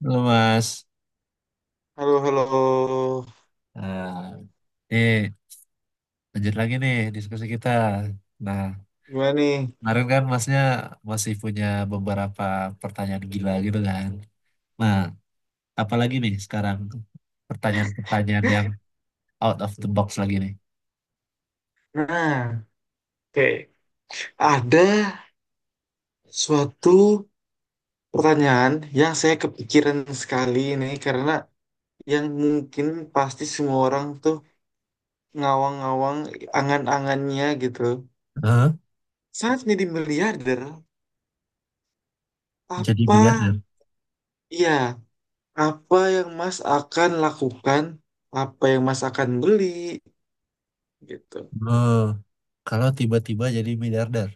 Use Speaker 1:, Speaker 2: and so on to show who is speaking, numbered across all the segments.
Speaker 1: Halo Mas.
Speaker 2: Halo, halo.
Speaker 1: Nah, nih lanjut lagi nih diskusi kita. Nah,
Speaker 2: Gimana nih?
Speaker 1: kemarin kan Masnya masih punya beberapa pertanyaan gila gitu kan. Nah, apalagi nih sekarang pertanyaan-pertanyaan yang out of the box lagi nih.
Speaker 2: Nah, oke. Ada suatu pertanyaan yang saya kepikiran sekali nih, karena yang mungkin pasti semua orang tuh ngawang-ngawang angan-angannya gitu.
Speaker 1: Hah?
Speaker 2: Saat jadi miliarder,
Speaker 1: Jadi
Speaker 2: apa
Speaker 1: miliarder.
Speaker 2: ya, apa yang Mas akan lakukan? Apa yang Mas akan beli? Gitu.
Speaker 1: Oh, kalau tiba-tiba jadi miliarder.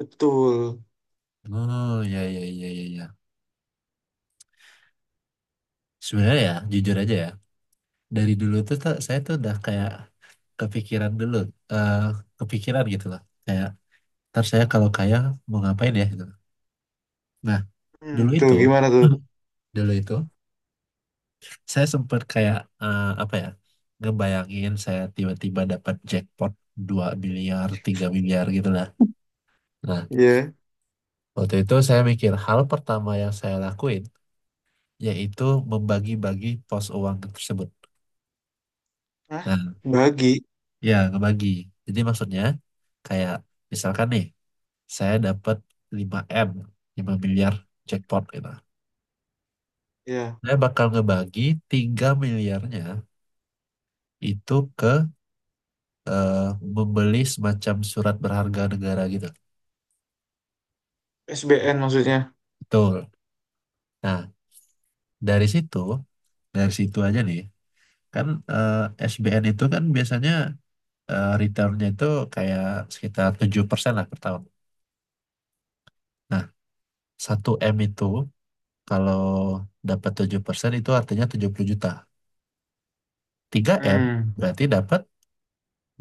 Speaker 2: Betul.
Speaker 1: Oh, ya ya ya ya ya. Sebenarnya ya, jujur aja ya. Dari dulu tuh, saya tuh udah kayak kepikiran dulu, eh kepikiran gitu loh. Kayak ntar saya kalau kaya mau ngapain ya gitu. Nah,
Speaker 2: Hmm,
Speaker 1: dulu
Speaker 2: tuh
Speaker 1: itu,
Speaker 2: gimana tuh?
Speaker 1: dulu itu saya sempat kayak apa ya, ngebayangin saya tiba-tiba dapat jackpot 2 miliar, 3 miliar gitu lah. Nah,
Speaker 2: Ya.
Speaker 1: waktu itu saya mikir hal pertama yang saya lakuin yaitu membagi-bagi pos uang tersebut.
Speaker 2: Hah?
Speaker 1: Nah,
Speaker 2: Bagi.
Speaker 1: ya ngebagi. Jadi maksudnya kayak misalkan nih, saya dapat lima m 5 miliar jackpot gitu.
Speaker 2: Ya.
Speaker 1: Saya bakal ngebagi 3 miliarnya itu ke eh, membeli semacam surat berharga negara gitu.
Speaker 2: SBN maksudnya.
Speaker 1: Betul. Nah, dari situ, dari situ aja nih, kan eh, SBN itu kan biasanya returnnya itu kayak sekitar 7% lah per tahun. Nah, 1 M itu kalau dapat 7% itu artinya 70 juta. 3 M
Speaker 2: Hmm.
Speaker 1: berarti dapat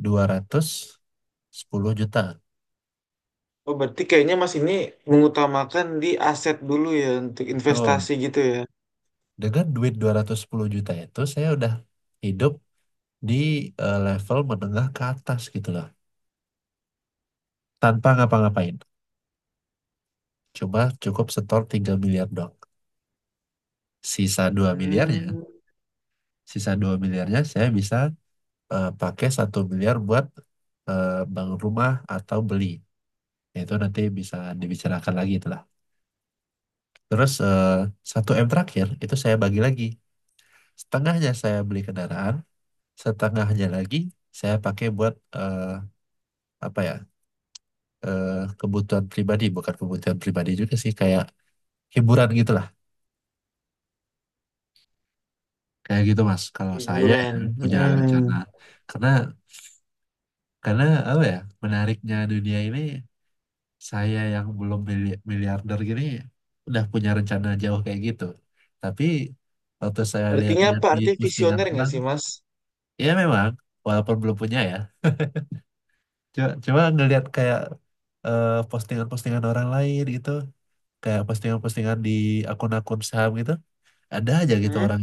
Speaker 1: 210 juta.
Speaker 2: Oh, berarti kayaknya Mas ini mengutamakan di aset dulu ya untuk
Speaker 1: Betul.
Speaker 2: investasi gitu ya.
Speaker 1: Dengan duit 210 juta itu saya udah hidup di level menengah ke atas gitu lah tanpa ngapa-ngapain, cuma cukup setor 3 miliar dong. Sisa 2 miliarnya,
Speaker 2: Hmm.
Speaker 1: saya bisa pakai 1 miliar buat bangun rumah atau beli, itu nanti bisa dibicarakan lagi itulah. Terus 1 M terakhir itu saya bagi lagi, setengahnya saya beli kendaraan, setengahnya lagi saya pakai buat eh, apa ya eh, kebutuhan pribadi, bukan kebutuhan pribadi juga sih, kayak hiburan gitu lah. Kayak gitu Mas. Kalau saya
Speaker 2: Hiburan.
Speaker 1: ya punya rencana,
Speaker 2: Hmm.
Speaker 1: karena karena apa ya, menariknya dunia ini, saya yang belum miliarder gini udah punya rencana jauh kayak gitu. Tapi waktu saya
Speaker 2: Artinya
Speaker 1: lihat-lihat
Speaker 2: apa?
Speaker 1: di
Speaker 2: Artinya
Speaker 1: postingan
Speaker 2: visioner nggak
Speaker 1: orang,
Speaker 2: sih, Mas?
Speaker 1: ya memang walaupun belum punya ya, cuma ngelihat kayak postingan-postingan orang lain gitu, kayak postingan-postingan di akun-akun saham gitu, ada aja gitu
Speaker 2: Hmm?
Speaker 1: orang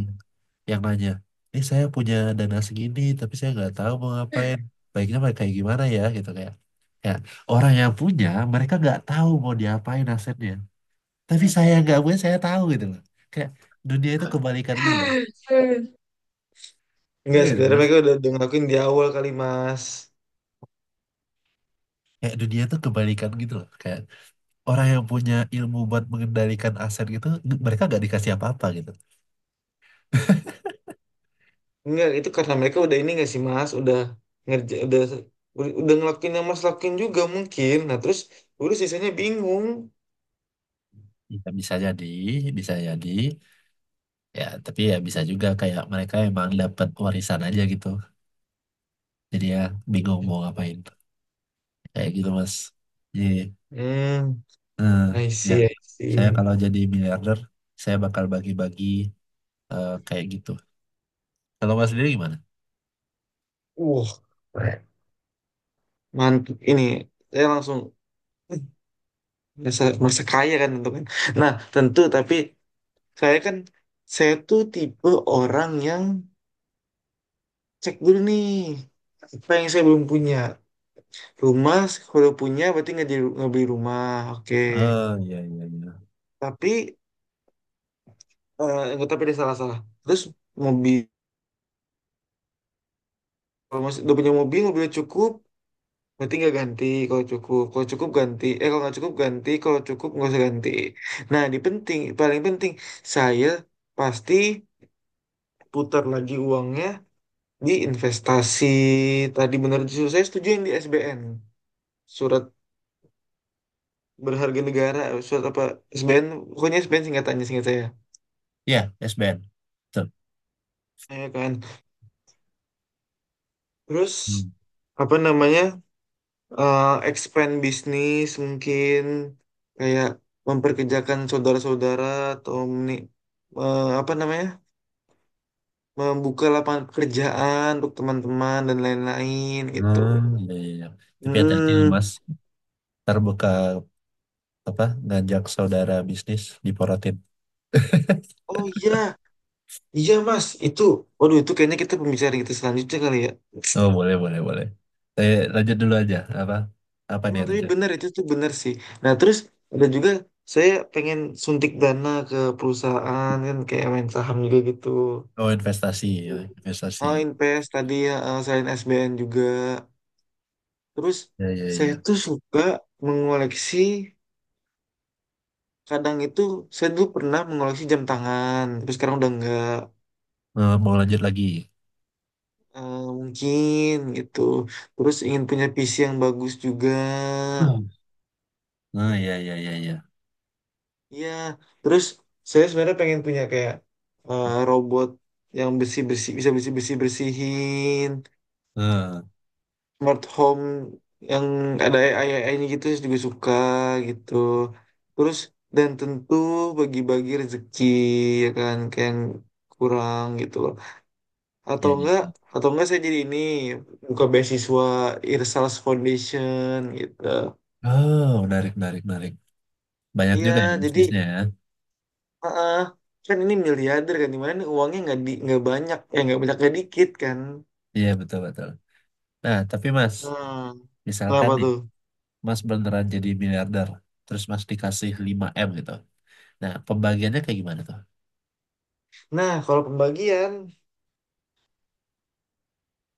Speaker 1: yang nanya, ini saya punya dana segini tapi saya nggak tahu mau ngapain, baiknya pakai kayak gimana ya gitu, kayak ya orang yang punya, mereka nggak tahu mau diapain asetnya, tapi saya yang nggak punya saya tahu gitu loh. Kayak dunia itu kebalikan gitu loh.
Speaker 2: Hmm.
Speaker 1: Iya
Speaker 2: Enggak,
Speaker 1: nggak sih,
Speaker 2: sebenarnya
Speaker 1: Mas?
Speaker 2: mereka udah ngelakuin di awal kali, Mas.
Speaker 1: Kayak dunia itu kebalikan gitu loh, kayak orang yang punya ilmu buat mengendalikan aset gitu, mereka nggak dikasih apa-apa gitu.
Speaker 2: Enggak, itu karena mereka udah ini nggak sih, Mas? Udah ngerja, udah ngelakuin yang Mas lakuin juga mungkin. Nah, terus udah sisanya bingung.
Speaker 1: Ya, bisa jadi ya, tapi ya bisa juga kayak mereka emang dapat warisan aja gitu. Jadi ya bingung mau ngapain. Kayak gitu mas. Jadi
Speaker 2: Hmm.
Speaker 1: eh,
Speaker 2: I
Speaker 1: ya
Speaker 2: see, I
Speaker 1: saya
Speaker 2: see.
Speaker 1: kalau jadi miliarder, saya bakal bagi-bagi kayak gitu. Kalau mas sendiri gimana?
Speaker 2: Wah, mantap ini. Saya langsung eh, merasa kaya kan, tentu kan. Nah tentu, tapi saya kan, saya tuh tipe orang yang cek dulu nih apa yang saya belum punya. Rumah, kalau punya berarti nggak beli rumah, oke.
Speaker 1: Oh iya, iya, iya.
Speaker 2: Tapi eh, nggak, tapi ada salah salah terus mobil, kalau masih udah punya mobil, mobilnya cukup. Berarti nggak ganti kalau cukup. Kalau cukup ganti. Eh, kalau nggak cukup ganti. Kalau cukup nggak usah ganti. Nah di penting, paling penting saya pasti putar lagi uangnya di investasi. Tadi benar, justru saya setuju yang di SBN. Surat berharga negara. Surat apa? SBN. Pokoknya SBN singkatannya, singkat saya.
Speaker 1: Ya SBN. Betul.
Speaker 2: Ya kan. Terus
Speaker 1: Hmm.
Speaker 2: apa namanya? Expand bisnis mungkin, kayak memperkerjakan saudara-saudara atau apa namanya, membuka lapangan pekerjaan untuk teman-teman dan lain-lain gitu.
Speaker 1: Hmm, iya, iya, iya. Tapi hati-hati loh,
Speaker 2: Hmm,
Speaker 1: mas. Ntar buka apa ngajak saudara bisnis diporotin.
Speaker 2: oh iya, iya Mas, itu, waduh itu kayaknya kita, pembicaraan kita selanjutnya kali ya.
Speaker 1: Oh boleh boleh boleh. Lanjut dulu aja apa apa nih
Speaker 2: Emang tapi
Speaker 1: rencana?
Speaker 2: benar itu tuh benar sih. Nah terus ada juga, saya pengen suntik dana ke perusahaan kan, kayak main saham juga gitu.
Speaker 1: Oh investasi.
Speaker 2: Oh, Inpes tadi ya, selain SBN juga. Terus
Speaker 1: Ya ya
Speaker 2: saya
Speaker 1: ya.
Speaker 2: tuh suka mengoleksi, kadang itu saya dulu pernah mengoleksi jam tangan, terus sekarang udah enggak.
Speaker 1: Mau lanjut lagi.
Speaker 2: Mungkin gitu. Terus ingin punya PC yang bagus juga.
Speaker 1: Ah, iya, iya, iya, iya.
Speaker 2: Iya, terus saya sebenarnya pengen punya kayak robot yang bersih-bersih, bisa bersih-bersih bersihin.
Speaker 1: Ah,
Speaker 2: Smart home yang ada AI-AI-nya gitu juga suka gitu. Terus dan tentu bagi-bagi rezeki, ya kan, kayak yang kurang gitu loh. Atau
Speaker 1: iya, iya.
Speaker 2: enggak
Speaker 1: Iya.
Speaker 2: atau enggak saya jadi ini, buka beasiswa Irsals Foundation gitu.
Speaker 1: Oh, menarik, menarik, menarik. Banyak
Speaker 2: Iya,
Speaker 1: juga ya
Speaker 2: jadi
Speaker 1: bisnisnya ya.
Speaker 2: heeh, kan ini miliarder kan, dimana nih uangnya, nggak di nggak banyak ya, nggak banyak nggak dikit kan.
Speaker 1: Iya, betul, betul. Nah, tapi Mas,
Speaker 2: Nah,
Speaker 1: misalkan
Speaker 2: kenapa
Speaker 1: nih,
Speaker 2: tuh?
Speaker 1: Mas beneran jadi miliarder, terus Mas dikasih 5 M gitu. Nah, pembagiannya kayak gimana tuh?
Speaker 2: Nah, kalau pembagian,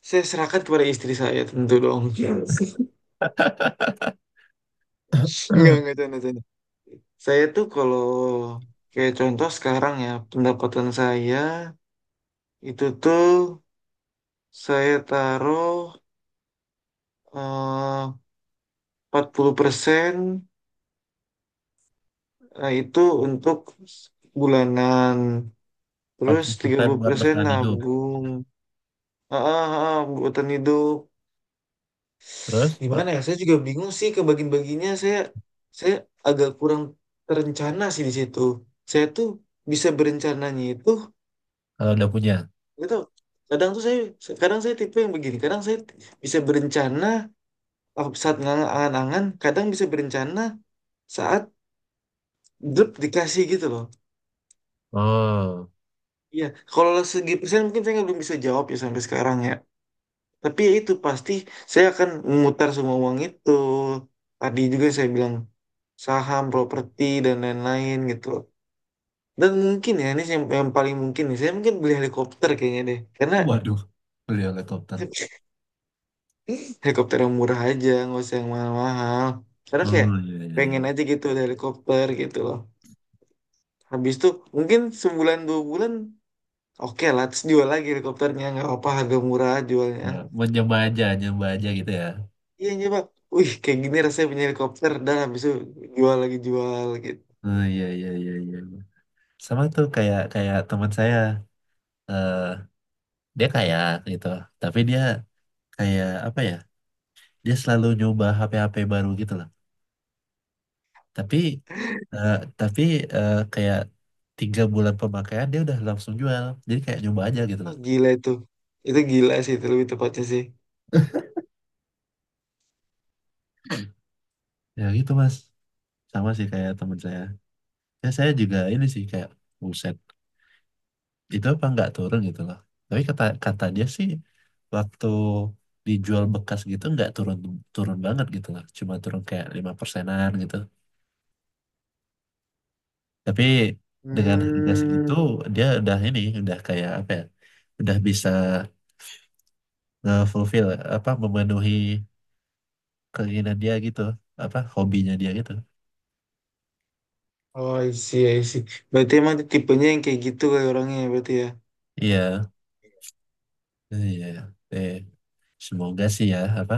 Speaker 2: saya serahkan kepada istri saya tentu dong. Yes. Enggak, canda, canda. Saya tuh kalau kayak contoh sekarang ya, pendapatan saya itu tuh saya taruh eh, 40%, itu untuk bulanan. Terus
Speaker 1: 40% buat
Speaker 2: 30%
Speaker 1: bertahan hidup.
Speaker 2: nabung. Ah, ah, ah, buatan hidup.
Speaker 1: Terus, per-
Speaker 2: Gimana ya? Saya juga bingung sih kebagian-bagiannya. Saya agak kurang terencana sih di situ. Saya tuh bisa berencananya itu
Speaker 1: kalau udah punya.
Speaker 2: gitu, kadang tuh saya, kadang saya tipe yang begini, kadang saya bisa berencana saat ngangan-angan, kadang bisa berencana saat grup dikasih gitu loh.
Speaker 1: Oh,
Speaker 2: Iya, kalau segi persen mungkin saya belum bisa jawab ya sampai sekarang ya, tapi ya itu pasti saya akan memutar semua uang itu, tadi juga saya bilang saham, properti dan lain-lain gitu. Dan mungkin ya ini yang paling mungkin nih, saya mungkin beli helikopter kayaknya deh, karena
Speaker 1: oh, waduh. Beli helikopter.
Speaker 2: helikopter yang murah aja, nggak usah yang mahal-mahal, karena kayak
Speaker 1: Oh, iya, iya,
Speaker 2: pengen
Speaker 1: iya.
Speaker 2: aja gitu ada helikopter gitu loh. Habis itu mungkin sebulan 2 bulan, oke lah, terus jual lagi helikopternya, nggak apa harga murah jualnya.
Speaker 1: Nah, mencoba aja, nyoba aja gitu ya.
Speaker 2: Iya nyoba. Wih, kayak gini rasanya punya helikopter, dan habis itu jual lagi jual gitu.
Speaker 1: Oh, iya, iya, iya, iya. Sama tuh kayak kayak teman saya. eh Dia kaya gitu, tapi dia kayak apa ya, dia selalu nyoba HP-HP baru gitu loh. Tapi eh, tapi kayak 3 bulan pemakaian dia udah langsung jual, jadi kayak nyoba aja gitu
Speaker 2: Oh,
Speaker 1: loh.
Speaker 2: gila itu gila sih itu lebih tepatnya sih.
Speaker 1: Ya gitu mas, sama sih kayak temen saya, ya saya juga ini sih kayak buset, itu apa nggak turun gitu loh. Tapi kata kata dia sih, waktu dijual bekas gitu nggak turun, turun banget gitu loh, cuma turun kayak lima persenan gitu. Tapi dengan harga
Speaker 2: Hmm.
Speaker 1: segitu dia udah ini udah kayak apa ya? Udah bisa nge-fulfill, apa memenuhi keinginan dia gitu, apa hobinya dia gitu.
Speaker 2: Oh, I see, I see. Berarti emang dia tipenya yang kayak gitu, kayak orangnya ya, berarti ya.
Speaker 1: Iya, iya. Iya. Eh, Semoga sih ya apa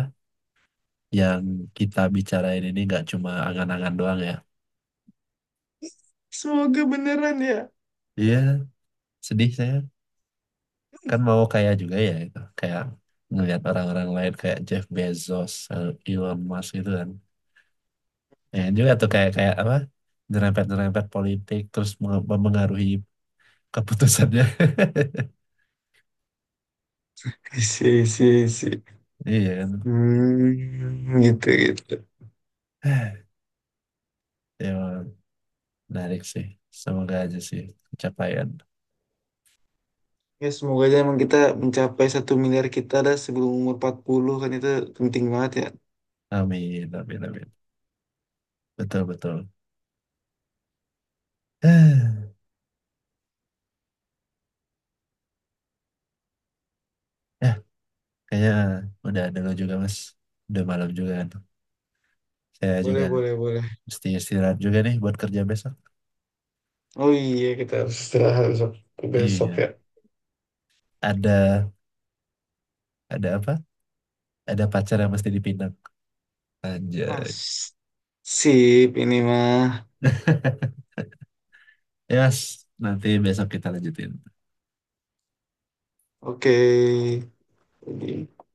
Speaker 1: yang kita bicarain ini nggak cuma angan-angan doang ya.
Speaker 2: Semoga beneran ya.
Speaker 1: Iya, sedih saya kan mau kaya juga ya itu. Kayak ngelihat orang-orang lain kayak Jeff Bezos, Elon Musk gitu kan. Ya juga
Speaker 2: Hmm,
Speaker 1: tuh kayak kayak apa, nyerempet-nyerempet politik terus mempengaruhi keputusannya.
Speaker 2: I see, I see, I see.
Speaker 1: Iya kan.
Speaker 2: Hmm, gitu gitu.
Speaker 1: Ya, menarik sih. Semoga aja sih pencapaian.
Speaker 2: Ya semoga aja emang kita mencapai 1 miliar kita dah sebelum umur 40 kan, itu penting banget ya.
Speaker 1: Amin, amin, amin. Betul, betul. Ya, kayaknya udah dulu juga Mas. Udah malam juga kan. Saya
Speaker 2: Boleh,
Speaker 1: juga
Speaker 2: boleh, boleh.
Speaker 1: mesti istirahat juga nih buat kerja besok.
Speaker 2: Oh iya kita harus istirahat besok, besok ya.
Speaker 1: Iya. Ada ada apa? Ada pacar yang mesti dipinang. Anjay.
Speaker 2: Mas, sip ini mah.
Speaker 1: yes. Nanti besok kita lanjutin.
Speaker 2: Oke. Jadi-